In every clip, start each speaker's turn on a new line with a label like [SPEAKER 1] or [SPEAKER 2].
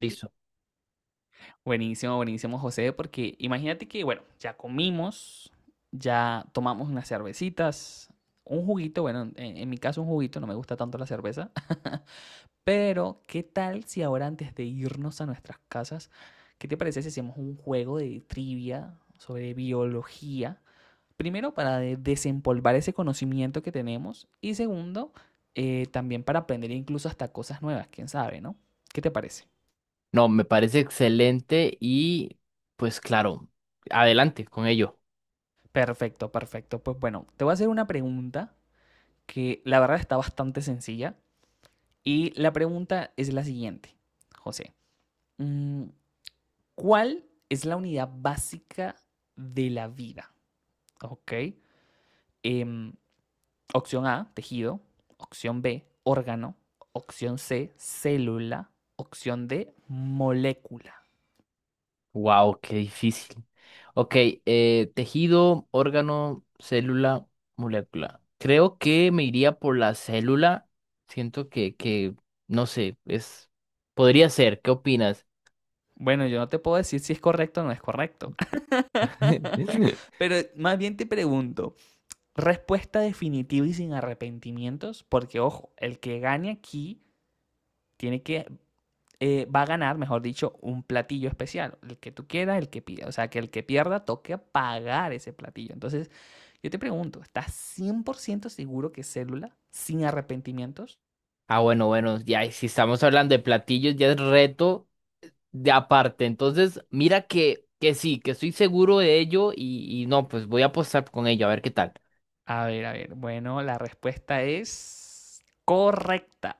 [SPEAKER 1] Listo.
[SPEAKER 2] Buenísimo, buenísimo, José, porque imagínate que, bueno, ya comimos, ya tomamos unas cervecitas, un juguito, bueno, en mi caso un juguito, no me gusta tanto la cerveza, pero ¿qué tal si ahora antes de irnos a nuestras casas, ¿qué te parece si hacemos un juego de trivia sobre biología? Primero, para desempolvar ese conocimiento que tenemos y segundo, también para aprender incluso hasta cosas nuevas, quién sabe, ¿no? ¿Qué te parece?
[SPEAKER 1] No, me parece excelente y pues claro, adelante con ello.
[SPEAKER 2] Perfecto, perfecto. Pues bueno, te voy a hacer una pregunta que la verdad está bastante sencilla. Y la pregunta es la siguiente, José. Mm, ¿Cuál es la unidad básica de la vida? ¿Ok? Em, opción A, tejido. Opción B, órgano. Opción C, célula. Opción D, molécula.
[SPEAKER 1] Wow, qué difícil. Ok, tejido, órgano, célula, molécula. Creo que me iría por la célula. Siento que, no sé, es, podría ser. ¿Qué opinas?
[SPEAKER 2] Bueno, yo no te puedo decir si es correcto o no es correcto. Pero más bien te pregunto, respuesta definitiva y sin arrepentimientos, porque ojo, el que gane aquí tiene que va a ganar, mejor dicho, un platillo especial, el que tú quieras, el que pida, o sea, que el que pierda toque pagar ese platillo. Entonces, yo te pregunto, ¿estás 100% seguro que célula sin arrepentimientos?
[SPEAKER 1] Ah, bueno, bueno, ya. Y si estamos hablando de platillos, ya es reto de aparte. Entonces, mira que sí, que estoy seguro de ello y no, pues voy a apostar con ello, a ver qué tal.
[SPEAKER 2] A ver, bueno, la respuesta es correcta.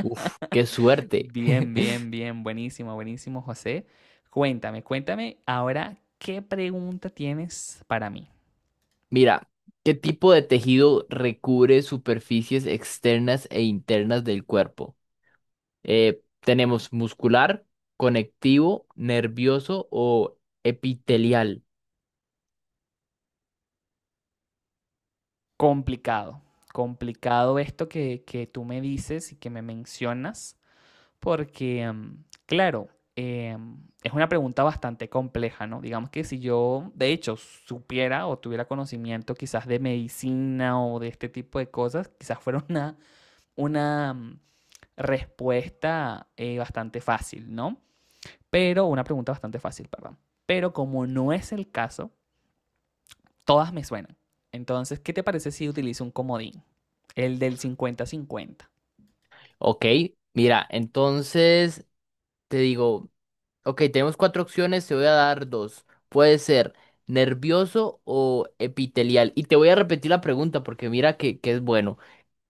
[SPEAKER 1] Uf, qué suerte.
[SPEAKER 2] Bien, bien, bien, buenísimo, buenísimo, José. Cuéntame, cuéntame ahora qué pregunta tienes para mí.
[SPEAKER 1] Mira, ¿qué tipo de tejido recubre superficies externas e internas del cuerpo? Tenemos muscular, conectivo, nervioso o epitelial.
[SPEAKER 2] Complicado, complicado esto que tú me dices y que me mencionas, porque, claro, em, es una pregunta bastante compleja, ¿no? Digamos que si yo, de hecho, supiera o tuviera conocimiento quizás de medicina o de este tipo de cosas, quizás fuera una respuesta bastante fácil, ¿no? Pero una pregunta bastante fácil, perdón. Pero como no es el caso, todas me suenan. Entonces, ¿qué te parece si utilizo un comodín? El del cincuenta-cincuenta.
[SPEAKER 1] Ok, mira, entonces te digo. Ok, tenemos cuatro opciones, te voy a dar dos. Puede ser nervioso o epitelial. Y te voy a repetir la pregunta porque mira que es bueno.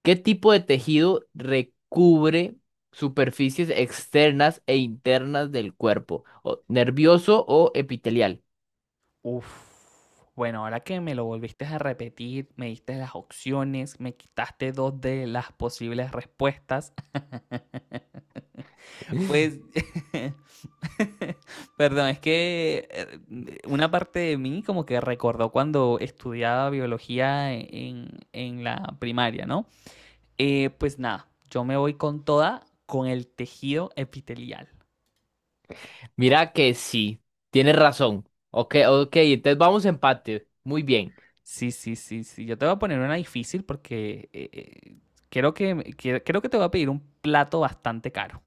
[SPEAKER 1] ¿Qué tipo de tejido recubre superficies externas e internas del cuerpo? ¿Nervioso o epitelial?
[SPEAKER 2] Uf. Bueno, ahora que me lo volviste a repetir, me diste las opciones, me quitaste dos de las posibles respuestas. Pues, perdón, es que una parte de mí como que recordó cuando estudiaba biología en la primaria, ¿no? Pues nada, yo me voy con toda con el tejido epitelial.
[SPEAKER 1] Mira que sí, tienes razón. Ok, ok, entonces vamos a empate. Muy bien.
[SPEAKER 2] Sí, sí, sí, sí. Yo te voy a poner una difícil porque creo que, creo que te voy a pedir un plato bastante caro.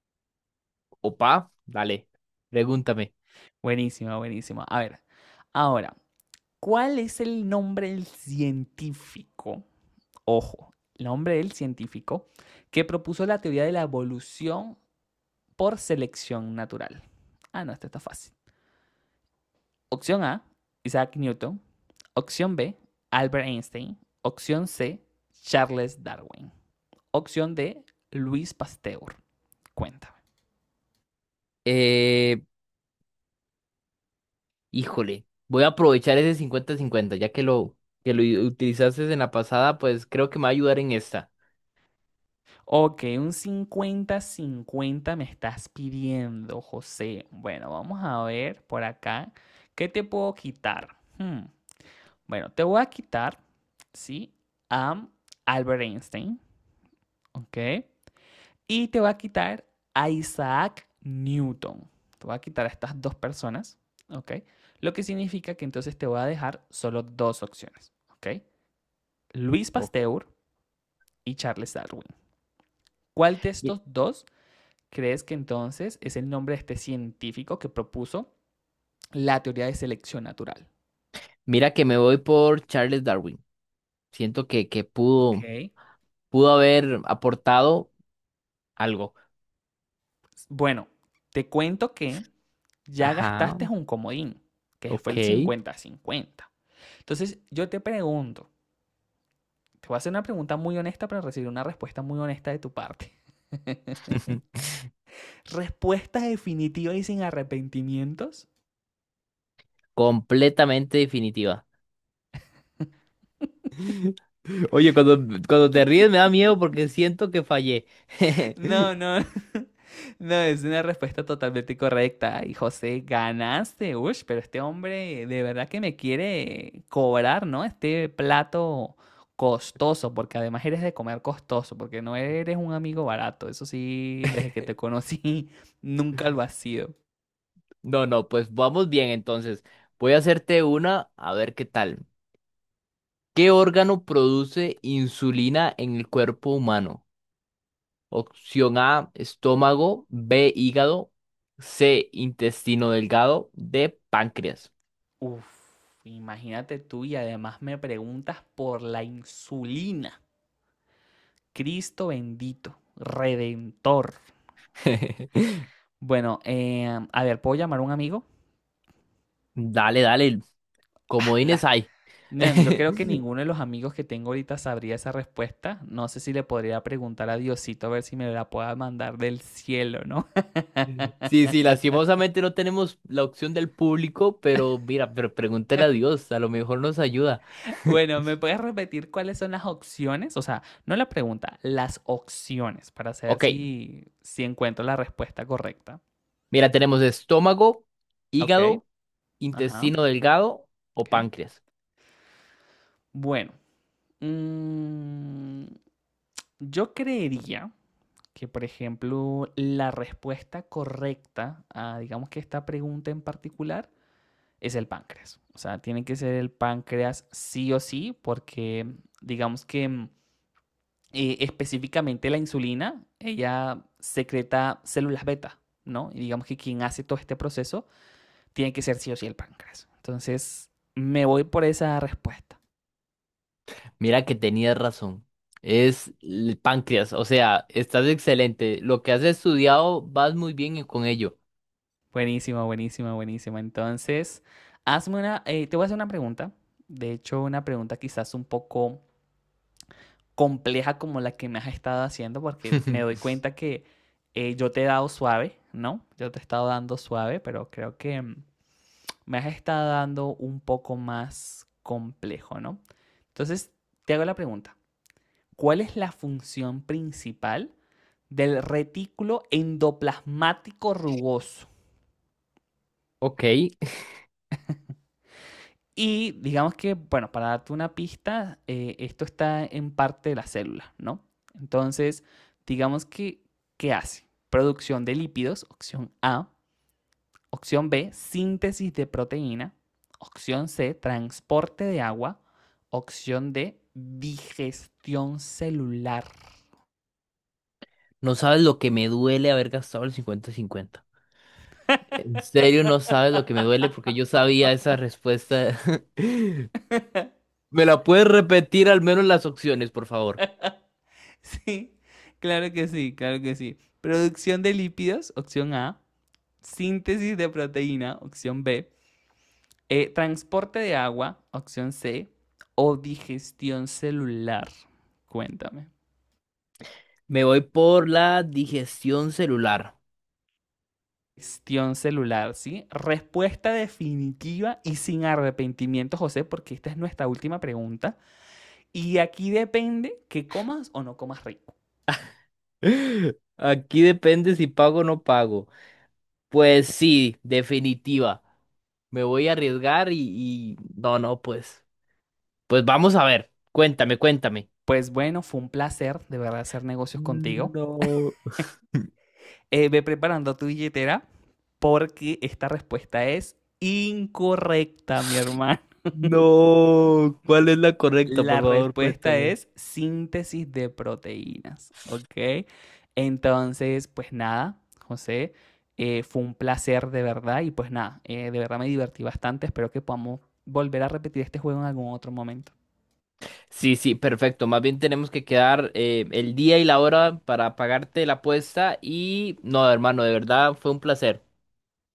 [SPEAKER 1] Opa, dale, pregúntame.
[SPEAKER 2] Buenísimo, buenísimo. A ver, ahora, ¿cuál es el nombre del científico? Ojo, el nombre del científico que propuso la teoría de la evolución por selección natural. Ah, no, esto está fácil. Opción A, Isaac Newton. Opción B, Albert Einstein. Opción C, Charles Darwin. Opción D, Luis Pasteur. Cuéntame.
[SPEAKER 1] Eh, Híjole, voy a aprovechar ese 50-50, ya utilizaste en la pasada, pues creo que me va a ayudar en esta.
[SPEAKER 2] Ok, un cincuenta-cincuenta me estás pidiendo, José. Bueno, vamos a ver por acá. ¿Qué te puedo quitar? Bueno, te voy a quitar, ¿sí? A Albert Einstein, ¿ok? Y te voy a quitar a Isaac Newton. Te voy a quitar a estas dos personas, ¿ok? Lo que significa que entonces te voy a dejar solo dos opciones, ¿ok? Luis
[SPEAKER 1] Ok.
[SPEAKER 2] Pasteur y Charles Darwin. ¿Cuál de
[SPEAKER 1] Mi-
[SPEAKER 2] estos dos crees que entonces es el nombre de este científico que propuso la teoría de selección natural?
[SPEAKER 1] Mira que me voy por Charles Darwin. Siento que,
[SPEAKER 2] Ok.
[SPEAKER 1] pudo haber aportado algo.
[SPEAKER 2] Bueno, te cuento que ya
[SPEAKER 1] Ajá,
[SPEAKER 2] gastaste un comodín, que fue el
[SPEAKER 1] ok.
[SPEAKER 2] 50-50. Entonces, yo te pregunto, te voy a hacer una pregunta muy honesta para recibir una respuesta muy honesta de tu parte. ¿Respuesta definitiva y sin arrepentimientos?
[SPEAKER 1] Completamente definitiva. Oye, cuando te ríes me da miedo porque siento que fallé.
[SPEAKER 2] No, no. No, es una respuesta totalmente correcta. Y José, ganaste. Uy, pero este hombre de verdad que me quiere cobrar, ¿no? Este plato costoso, porque además eres de comer costoso, porque no eres un amigo barato. Eso sí, desde que te conocí, nunca lo has sido.
[SPEAKER 1] No, no, pues vamos bien entonces. Voy a hacerte una, a ver qué tal. ¿Qué órgano produce insulina en el cuerpo humano? Opción A, estómago; B, hígado; C, intestino delgado; D, páncreas.
[SPEAKER 2] Uf, imagínate tú y además me preguntas por la insulina. Cristo bendito, redentor. Bueno, a ver, ¿puedo llamar a un amigo?
[SPEAKER 1] Dale, dale,
[SPEAKER 2] Ah,
[SPEAKER 1] comodines
[SPEAKER 2] la-
[SPEAKER 1] hay.
[SPEAKER 2] No, yo creo que ninguno de los amigos que tengo ahorita sabría esa respuesta. No sé si le podría preguntar a Diosito a ver si me la pueda mandar del cielo, ¿no?
[SPEAKER 1] Sí, sí, lastimosamente no tenemos la opción del público, pero mira, pero pregúntale a Dios, a lo mejor nos ayuda.
[SPEAKER 2] Bueno, ¿me puedes repetir cuáles son las opciones? O sea, no la pregunta, las opciones para saber
[SPEAKER 1] Ok,
[SPEAKER 2] si, si encuentro la respuesta correcta.
[SPEAKER 1] mira, tenemos estómago,
[SPEAKER 2] Okey,
[SPEAKER 1] hígado,
[SPEAKER 2] ajá,
[SPEAKER 1] intestino delgado o
[SPEAKER 2] okey.
[SPEAKER 1] páncreas.
[SPEAKER 2] Bueno, mm, yo creería que, por ejemplo, la respuesta correcta a, digamos que esta pregunta en particular, es el páncreas. O sea, tiene que ser el páncreas sí o sí, porque digamos que, específicamente la insulina, ella secreta células beta, ¿no? Y digamos que quien hace todo este proceso tiene que ser sí o sí el páncreas. Entonces, me voy por esa respuesta.
[SPEAKER 1] Mira que tenías razón. Es el páncreas. O sea, estás excelente. Lo que has estudiado, vas muy bien con ello.
[SPEAKER 2] Buenísimo, buenísimo, buenísimo. Entonces, hazme una, te voy a hacer una pregunta. De hecho, una pregunta quizás un poco compleja como la que me has estado haciendo, porque me doy cuenta que yo te he dado suave, ¿no? Yo te he estado dando suave, pero creo que me has estado dando un poco más complejo, ¿no? Entonces, te hago la pregunta. ¿Cuál es la función principal del retículo endoplasmático rugoso?
[SPEAKER 1] Ok.
[SPEAKER 2] Y digamos que, bueno, para darte una pista, esto está en parte de la célula, ¿no? Entonces, digamos que, ¿qué hace? Producción de lípidos, opción A. Opción B, síntesis de proteína. Opción C, transporte de agua. Opción D, digestión celular.
[SPEAKER 1] No sabes lo que me duele haber gastado el 50-50. En serio, no sabes lo que me duele porque yo sabía esa respuesta. ¿Me la puedes repetir al menos las opciones, por favor?
[SPEAKER 2] Sí, claro que sí, claro que sí. Producción de lípidos, opción A. Síntesis de proteína, opción B. Transporte de agua, opción C, o digestión celular. Cuéntame.
[SPEAKER 1] Me voy por la digestión celular.
[SPEAKER 2] Digestión celular, ¿sí? Respuesta definitiva y sin arrepentimiento, José, porque esta es nuestra última pregunta. Y aquí depende que comas o no comas rico.
[SPEAKER 1] Aquí depende si pago o no pago. Pues sí, definitiva. Me voy a arriesgar y... No, no, pues. Pues vamos a ver. Cuéntame, cuéntame.
[SPEAKER 2] Pues bueno, fue un placer de verdad hacer negocios contigo.
[SPEAKER 1] No,
[SPEAKER 2] Ve preparando tu billetera porque esta respuesta es incorrecta, mi hermano.
[SPEAKER 1] no. ¿Cuál es la correcta?
[SPEAKER 2] La
[SPEAKER 1] Por favor,
[SPEAKER 2] respuesta
[SPEAKER 1] cuéntame.
[SPEAKER 2] es síntesis de proteínas, ¿ok? Entonces, pues nada, José, fue un placer de verdad y pues nada, de verdad me divertí bastante, espero que podamos volver a repetir este juego en algún otro momento.
[SPEAKER 1] Sí, sí, perfecto. Más bien tenemos que quedar el día y la hora para pagarte la apuesta y... No, hermano, de verdad fue un placer.